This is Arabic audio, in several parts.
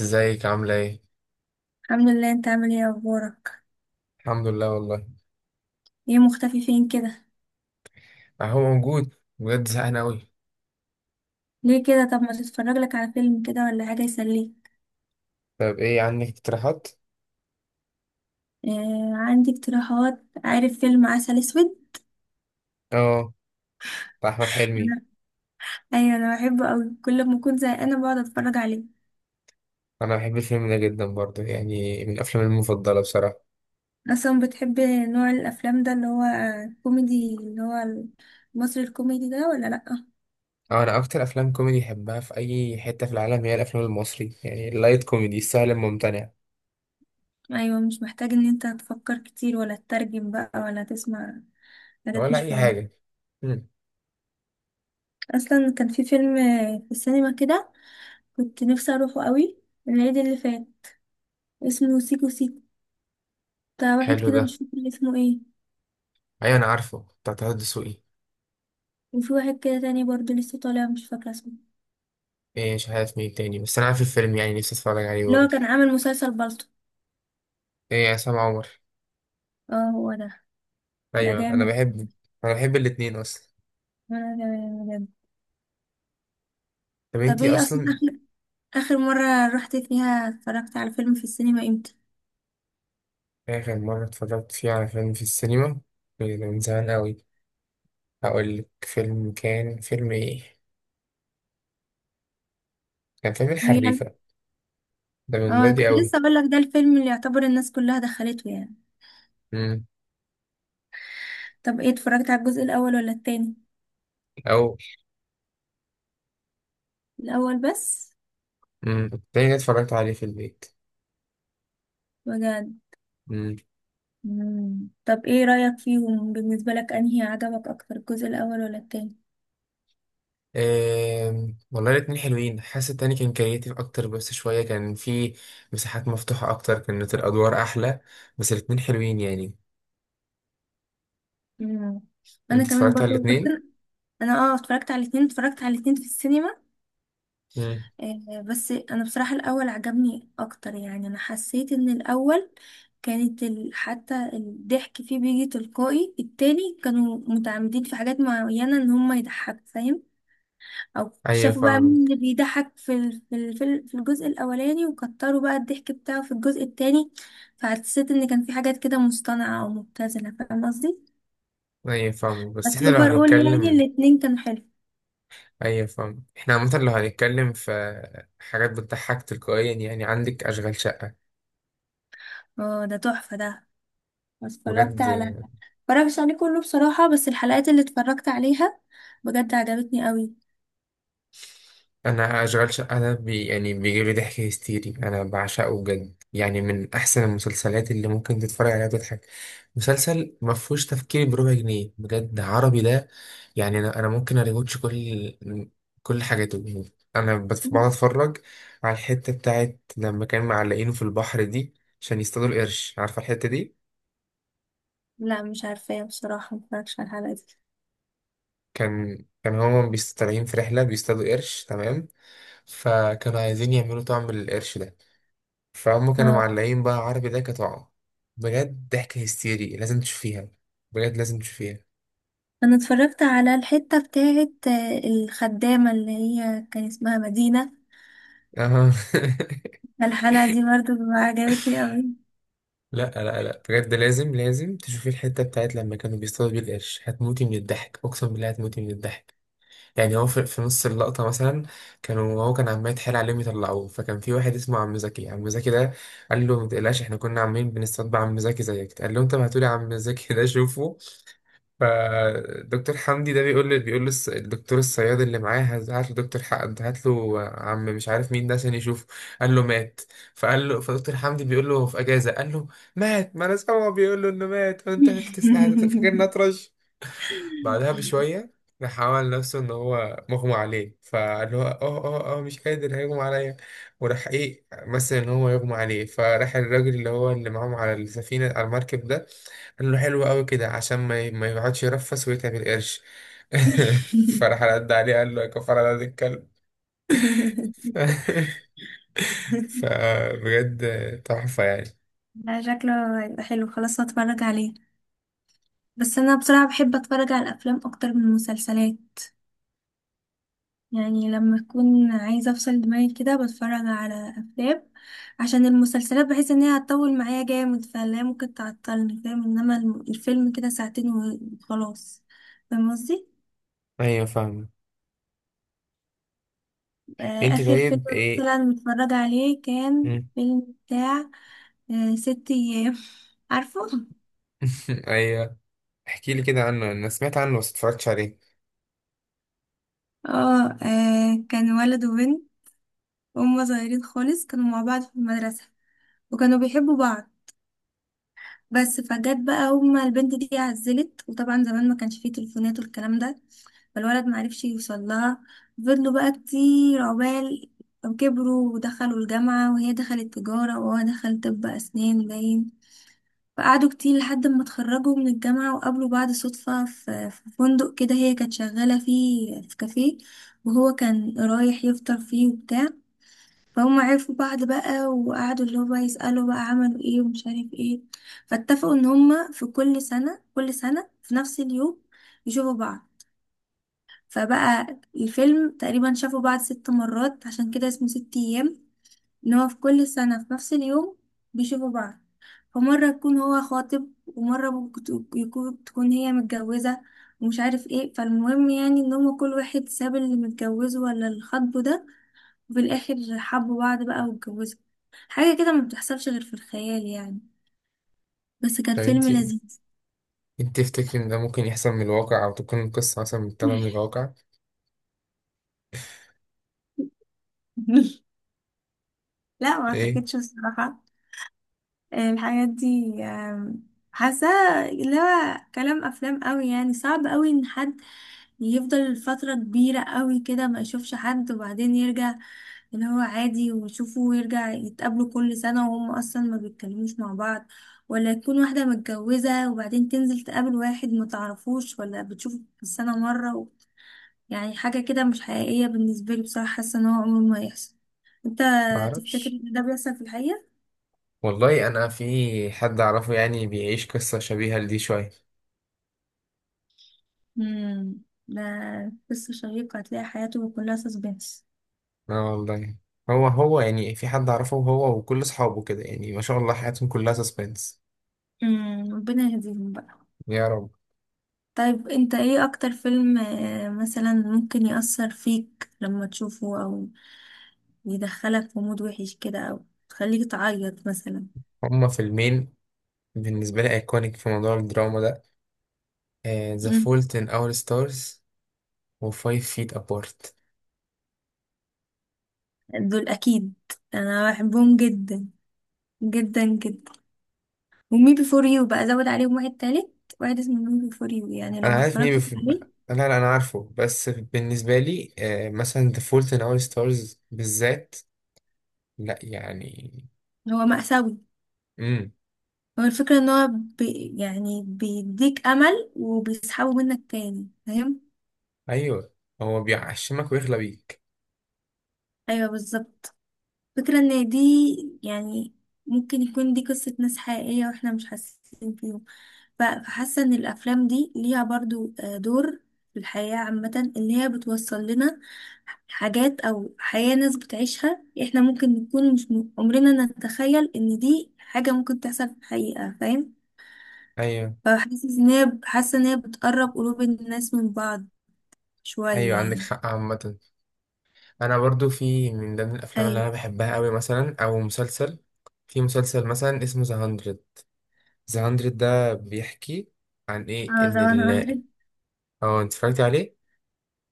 ازيك عاملة ايه؟ الحمد لله، انت عامل ايه؟ اخبارك؟ الحمد لله والله. ايه مختفي فين كده؟ اهو موجود بجد زهقان اوي. ليه كده؟ طب ما تتفرج لك على فيلم كده ولا حاجه يسليك. طب ايه عندك اقتراحات؟ آه، عندي اقتراحات. عارف فيلم عسل اسود؟ اه. بتاع احمد حلمي. انا- ايوه انا بحبه قوي، كل ما اكون زهقانه بقعد اتفرج عليه. انا بحب الفيلم ده جدا برضه، يعني من افلامي المفضلة بصراحة. اصلا بتحب نوع الافلام ده اللي هو كوميدي، اللي هو المصري الكوميدي ده، ولا لا؟ اه، انا اكتر افلام كوميدي بحبها في اي حتة في العالم هي الافلام المصري، يعني اللايت كوميدي السهل الممتنع. ايوه مش محتاج ان انت تفكر كتير، ولا تترجم بقى، ولا تسمع حاجات ولا مش اي فاهم. حاجة. مم. اصلا كان في فيلم في السينما كده، كنت نفسي اروحه قوي، العيد اللي فات، اسمه سيكو سيكو، بتاع واحد حلو كده ده. مش فاكرة اسمه ايه. ايوه، انا عارفه، بتاع طه دسوقي. وفي واحد كده تاني برضه لسه طالع مش فاكرة اسمه، ايه، مش عارف مين تاني، بس انا عارف الفيلم يعني، نفسي اتفرج عليه اللي هو برضه. كان عامل مسلسل بالطو. ايه، عصام عمر. اه هو ده. ده ايوه، انا جامد. بحبه. انا بحب الاتنين اصلا. وانا جامد بجد. طب طب انتي ايه اصلا اصلا. آخر مرة رحت فيها اتفرجت على فيلم في السينما امتى؟ آخر مرة اتفرجت فيه على فيلم في السينما من زمان أوي. هقولك فيلم كان فيلم إيه؟ كان فيلم هي الحريفة. ده من اه بدري كنت أوي. لسه اقول لك، ده الفيلم اللي يعتبر الناس كلها دخلته يعني. مم. طب ايه، اتفرجت على الجزء الاول ولا التاني؟ أو. الاول بس. مم. التاني ده اتفرجت عليه في البيت. بجد. مم. مم. طب ايه رأيك فيهم؟ بالنسبة لك انهي عجبك اكتر، الجزء الاول ولا التاني؟ والله الاتنين حلوين، حاسس التاني كان كرياتيف أكتر، بس شوية كان فيه مساحات مفتوحة أكتر، كانت الأدوار أحلى. بس الاتنين حلوين يعني. مم. انا أنت كمان اتفرجت على برضو، بس الاتنين؟ انا أنا اه اتفرجت على الاثنين، اتفرجت على الاثنين في السينما. مم. بس انا بصراحة الاول عجبني اكتر، يعني انا حسيت ان الاول حتى الضحك فيه بيجي تلقائي. التاني كانوا متعمدين في حاجات معينة ان هم يضحكوا، فاهم؟ او أيوة شافوا بقى مين فاهمك. اللي بيضحك في الجزء الاولاني، وكتروا بقى الضحك بتاعه في الجزء التاني. فحسيت ان كان في حاجات كده مصطنعة او مبتذلة، فاهم قصدي؟ أيوة فاهمك، بس بس إحنا لو اوفر اول يعني هنتكلم. الاتنين كانوا حلو. ايوه فاهم، احنا عامة لو هنتكلم في حاجات بتضحك تلقائيا، يعني عندك اشغال شقة. اه ده تحفة ده. اتفرجت بجد. على اتفرجتش عليه كله بصراحة، بس الحلقات اللي اتفرجت عليها بجد عجبتني قوي. انا اشغال شقة ده يعني بيجيب لي ضحك هستيري، انا بعشقه بجد، يعني من احسن المسلسلات اللي ممكن تتفرج عليها وتضحك. مسلسل ما فيهوش تفكير بربع جنيه، بجد عربي ده. يعني انا ممكن اريوتش كل حاجاته، يعني بقعد اتفرج على الحتة بتاعت لما كان معلقينه في البحر دي، عشان يصطادوا القرش. عارفة الحتة دي؟ لا مش عارفة بصراحة، متفرجش على الحلقة دي. كان هما بيستطلعين في رحلة بيصطادوا قرش، تمام. فكانوا عايزين يعملوا طعم للقرش ده، فهم كانوا اه معلقين بقى عربي ده كطعم. بجد ضحكة هستيري، لازم تشوفيها. بجد لازم تشوفيها. انا اتفرجت على الحتة بتاعت الخدامة اللي هي كان اسمها مدينة. اه. الحلقة دي برضو عجبتني قوي. لا لا لا، بجد لازم لازم تشوفي الحتة بتاعت لما كانوا بيصطادوا بيه القرش. هتموتي من الضحك، اقسم بالله هتموتي من الضحك. يعني هو في نص اللقطة مثلا، هو كان عمال يتحايل عليهم يطلعوه، فكان في واحد اسمه عم زكي. عم زكي ده قال له ما تقلقش، احنا كنا عاملين بنستطبع عم زكي زيك. قال له انت بعتولي عم زكي ده شوفه، فدكتور حمدي ده بيقول له الدكتور الصياد اللي معاه: هات، هات له دكتور حق، هات له عم مش عارف مين ده عشان يشوفه. قال له مات. فقال له، فدكتور حمدي بيقول له هو في اجازة، قال له مات. ما انا سامعه بيقول له انه مات، وانت فاكرني اطرش؟ بعدها بشوية راح عمل نفسه إن هو مغمى عليه، فقال له اه اه اه مش قادر، هيغمى عليا. وراح إيه مثل إن هو يغمى عليه، فراح الراجل اللي هو اللي معاهم على السفينة، على المركب ده، قال له حلو قوي كده عشان ما يقعدش يرفس ويتعب القرش. فراح رد عليه قال له: يا كفر على هذا الكلب. فبجد تحفة يعني. لا شكله هيبقى حلو، خلاص هتفرج عليه. بس انا بصراحة بحب اتفرج على الافلام اكتر من المسلسلات. يعني لما أكون عايزة أفصل دماغي كده بتفرج على أفلام، عشان المسلسلات بحس إن هي هتطول معايا جامد فلا، ممكن تعطلني فاهم، إنما الفيلم كده ساعتين وخلاص. فاهم قصدي؟ أيوة فاهمة. آه، أنت آخر فيلم طيب إيه. مثلا متفرج عليه كان مم. فيلم بتاع 6 أيام. عارفه؟ أيوة. احكي لي كده عنه، أنا سمعت عنه بس اتفرجتش عليه. اه كان ولد وبنت هما صغيرين خالص، كانوا مع بعض في المدرسة وكانوا بيحبوا بعض. بس فجت بقى هما البنت دي عزلت، وطبعا زمان ما كانش فيه تليفونات والكلام ده، فالولد معرفش يوصل لها. فضلوا بقى كتير عقبال كبروا ودخلوا الجامعة، وهي دخلت تجارة وهو دخل طب أسنان باين. فقعدوا كتير لحد ما اتخرجوا من الجامعة، وقابلوا بعض صدفة في فندق كده، هي كانت شغالة فيه في كافيه وهو كان رايح يفطر فيه وبتاع. فهم عرفوا بعض بقى، وقعدوا اللي هو بقى يسألوا بقى عملوا ايه ومش عارف ايه. فاتفقوا ان هما في كل سنة، كل سنة في نفس اليوم يشوفوا بعض. فبقى الفيلم تقريبا شافوا بعض 6 مرات، عشان كده اسمه 6 ايام، ان هو في كل سنة في نفس اليوم بيشوفوا بعض. فمرة يكون هو خاطب، ومرة ممكن تكون هي متجوزة ومش عارف ايه. فالمهم يعني ان هما كل واحد ساب اللي متجوزه ولا اللي خاطبه ده، وفي الآخر حبوا بعض بقى واتجوزوا. حاجة كده ما بتحصلش غير في الخيال يعني، بس كان طب فيلم أنت، لذيذ. تفتكر ان ده ممكن يحصل من الواقع، او تكون القصة مثلا متاخدة من الواقع؟ لا ما ايه اعتقدش الصراحة. الحاجات دي حاساه اللي هو كلام افلام قوي. يعني صعب قوي ان حد يفضل فترة كبيرة قوي كده ما يشوفش حد، وبعدين يرجع اللي هو عادي ويشوفه، ويرجع يتقابلوا كل سنة وهم اصلا ما بيتكلموش مع بعض. ولا تكون واحدة متجوزة وبعدين تنزل تقابل واحد ما تعرفوش ولا بتشوفه في السنة مرة يعني حاجة كده مش حقيقية بالنسبة لي بصراحة، حاسة ان هو عمره ما هيحصل. انت تفتكر معرفش. ان ده بيحصل في الحقيقة؟ والله انا في حد اعرفه يعني بيعيش قصة شبيهة لدي شوية. امم. ده قصة شيقة، هتلاقي حياته كلها سسبنس. اه والله. هو يعني في حد اعرفه، هو وكل اصحابه كده، يعني ما شاء الله حياتهم كلها سسبنس. ربنا يهديهم بقى. يا رب. طيب انت ايه اكتر فيلم مثلا ممكن يأثر فيك لما تشوفه، او يدخلك في مود وحش كده، او تخليك تعيط مثلا؟ هما فيلمين بالنسبة لي ايكونيك في موضوع الدراما ده: ذا امم فولت ان اور ستارز، و 5 فيت ابارت. دول اكيد، انا بحبهم جدا، جدا جدا. ومي بي فور يو بقى زود عليهم واحد تالت، واحد اسمه مي بي فور يو يعني لو انا ما عارف مين اتفرجتش لا عليه. لا، انا عارفه، بس بالنسبه لي مثلا The Fault in Our Stars بالذات، لا يعني. هو مأساوي. امم. هو الفكرة ان هو بي يعني بيديك امل وبيسحبه منك تاني، فاهم؟ ايوه. هو بيعشمك ويغلى بيك. ايوه بالظبط. فكرة ان دي يعني ممكن يكون دي قصة ناس حقيقية واحنا مش حاسين فيهم. فحاسة ان الافلام دي ليها برضو دور في الحياة عامة، اللي هي بتوصل لنا حاجات او حياة ناس بتعيشها احنا ممكن نكون مش م- عمرنا نتخيل ان دي حاجة ممكن تحصل في الحقيقة، فاهم؟ ايوه، فحاسس ان هي، حاسة ان هي بتقرب قلوب الناس من بعض شوية ايوه، عندك يعني. حق عامه. انا برضو في من ضمن الافلام اللي ايوه انا بحبها قوي مثلا، او مسلسل. في مسلسل مثلا اسمه ذا 100. ذا 100 ده بيحكي عن ايه؟ اه ان ذا ال 100. اه، انت اتفرجت عليه.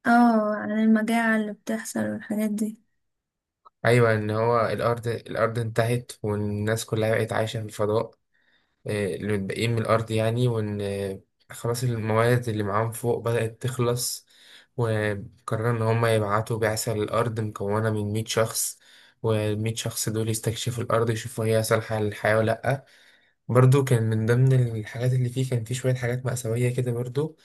اه عن المجاعة اللي بتحصل والحاجات دي. ايوه، ان هو الارض انتهت، والناس كلها بقت عايشه في الفضاء، اللي متبقيين من الأرض يعني. وإن خلاص الموارد اللي معاهم فوق بدأت تخلص، وقرروا إن هما يبعتوا بعثة للأرض مكونة من 100 شخص. والمية شخص دول يستكشفوا الأرض، يشوفوا هي صالحة للحياة ولا لأ. برضو كان من ضمن الحاجات اللي فيه، كان فيه شوية حاجات مأساوية كده برضو.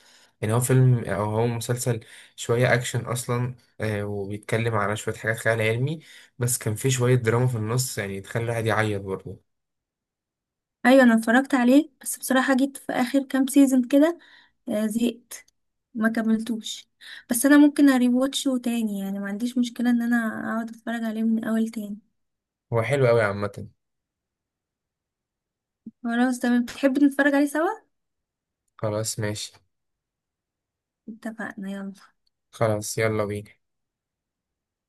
يعني هو فيلم، أو هو مسلسل شوية أكشن أصلا، وبيتكلم على شوية حاجات خيال علمي، بس كان فيه شوية دراما في النص يعني تخلي الواحد يعيط برضه. ايوه انا اتفرجت عليه، بس بصراحة جيت في اخر كام سيزون كده زهقت ما كملتوش. بس انا ممكن اريواتشه تاني، يعني ما عنديش مشكلة ان انا اقعد اتفرج عليه من اول تاني. هو حلو أوي عامة. خلاص تمام، بتحب نتفرج عليه سوا؟ خلاص ماشي. اتفقنا يلا. خلاص يلا بينا.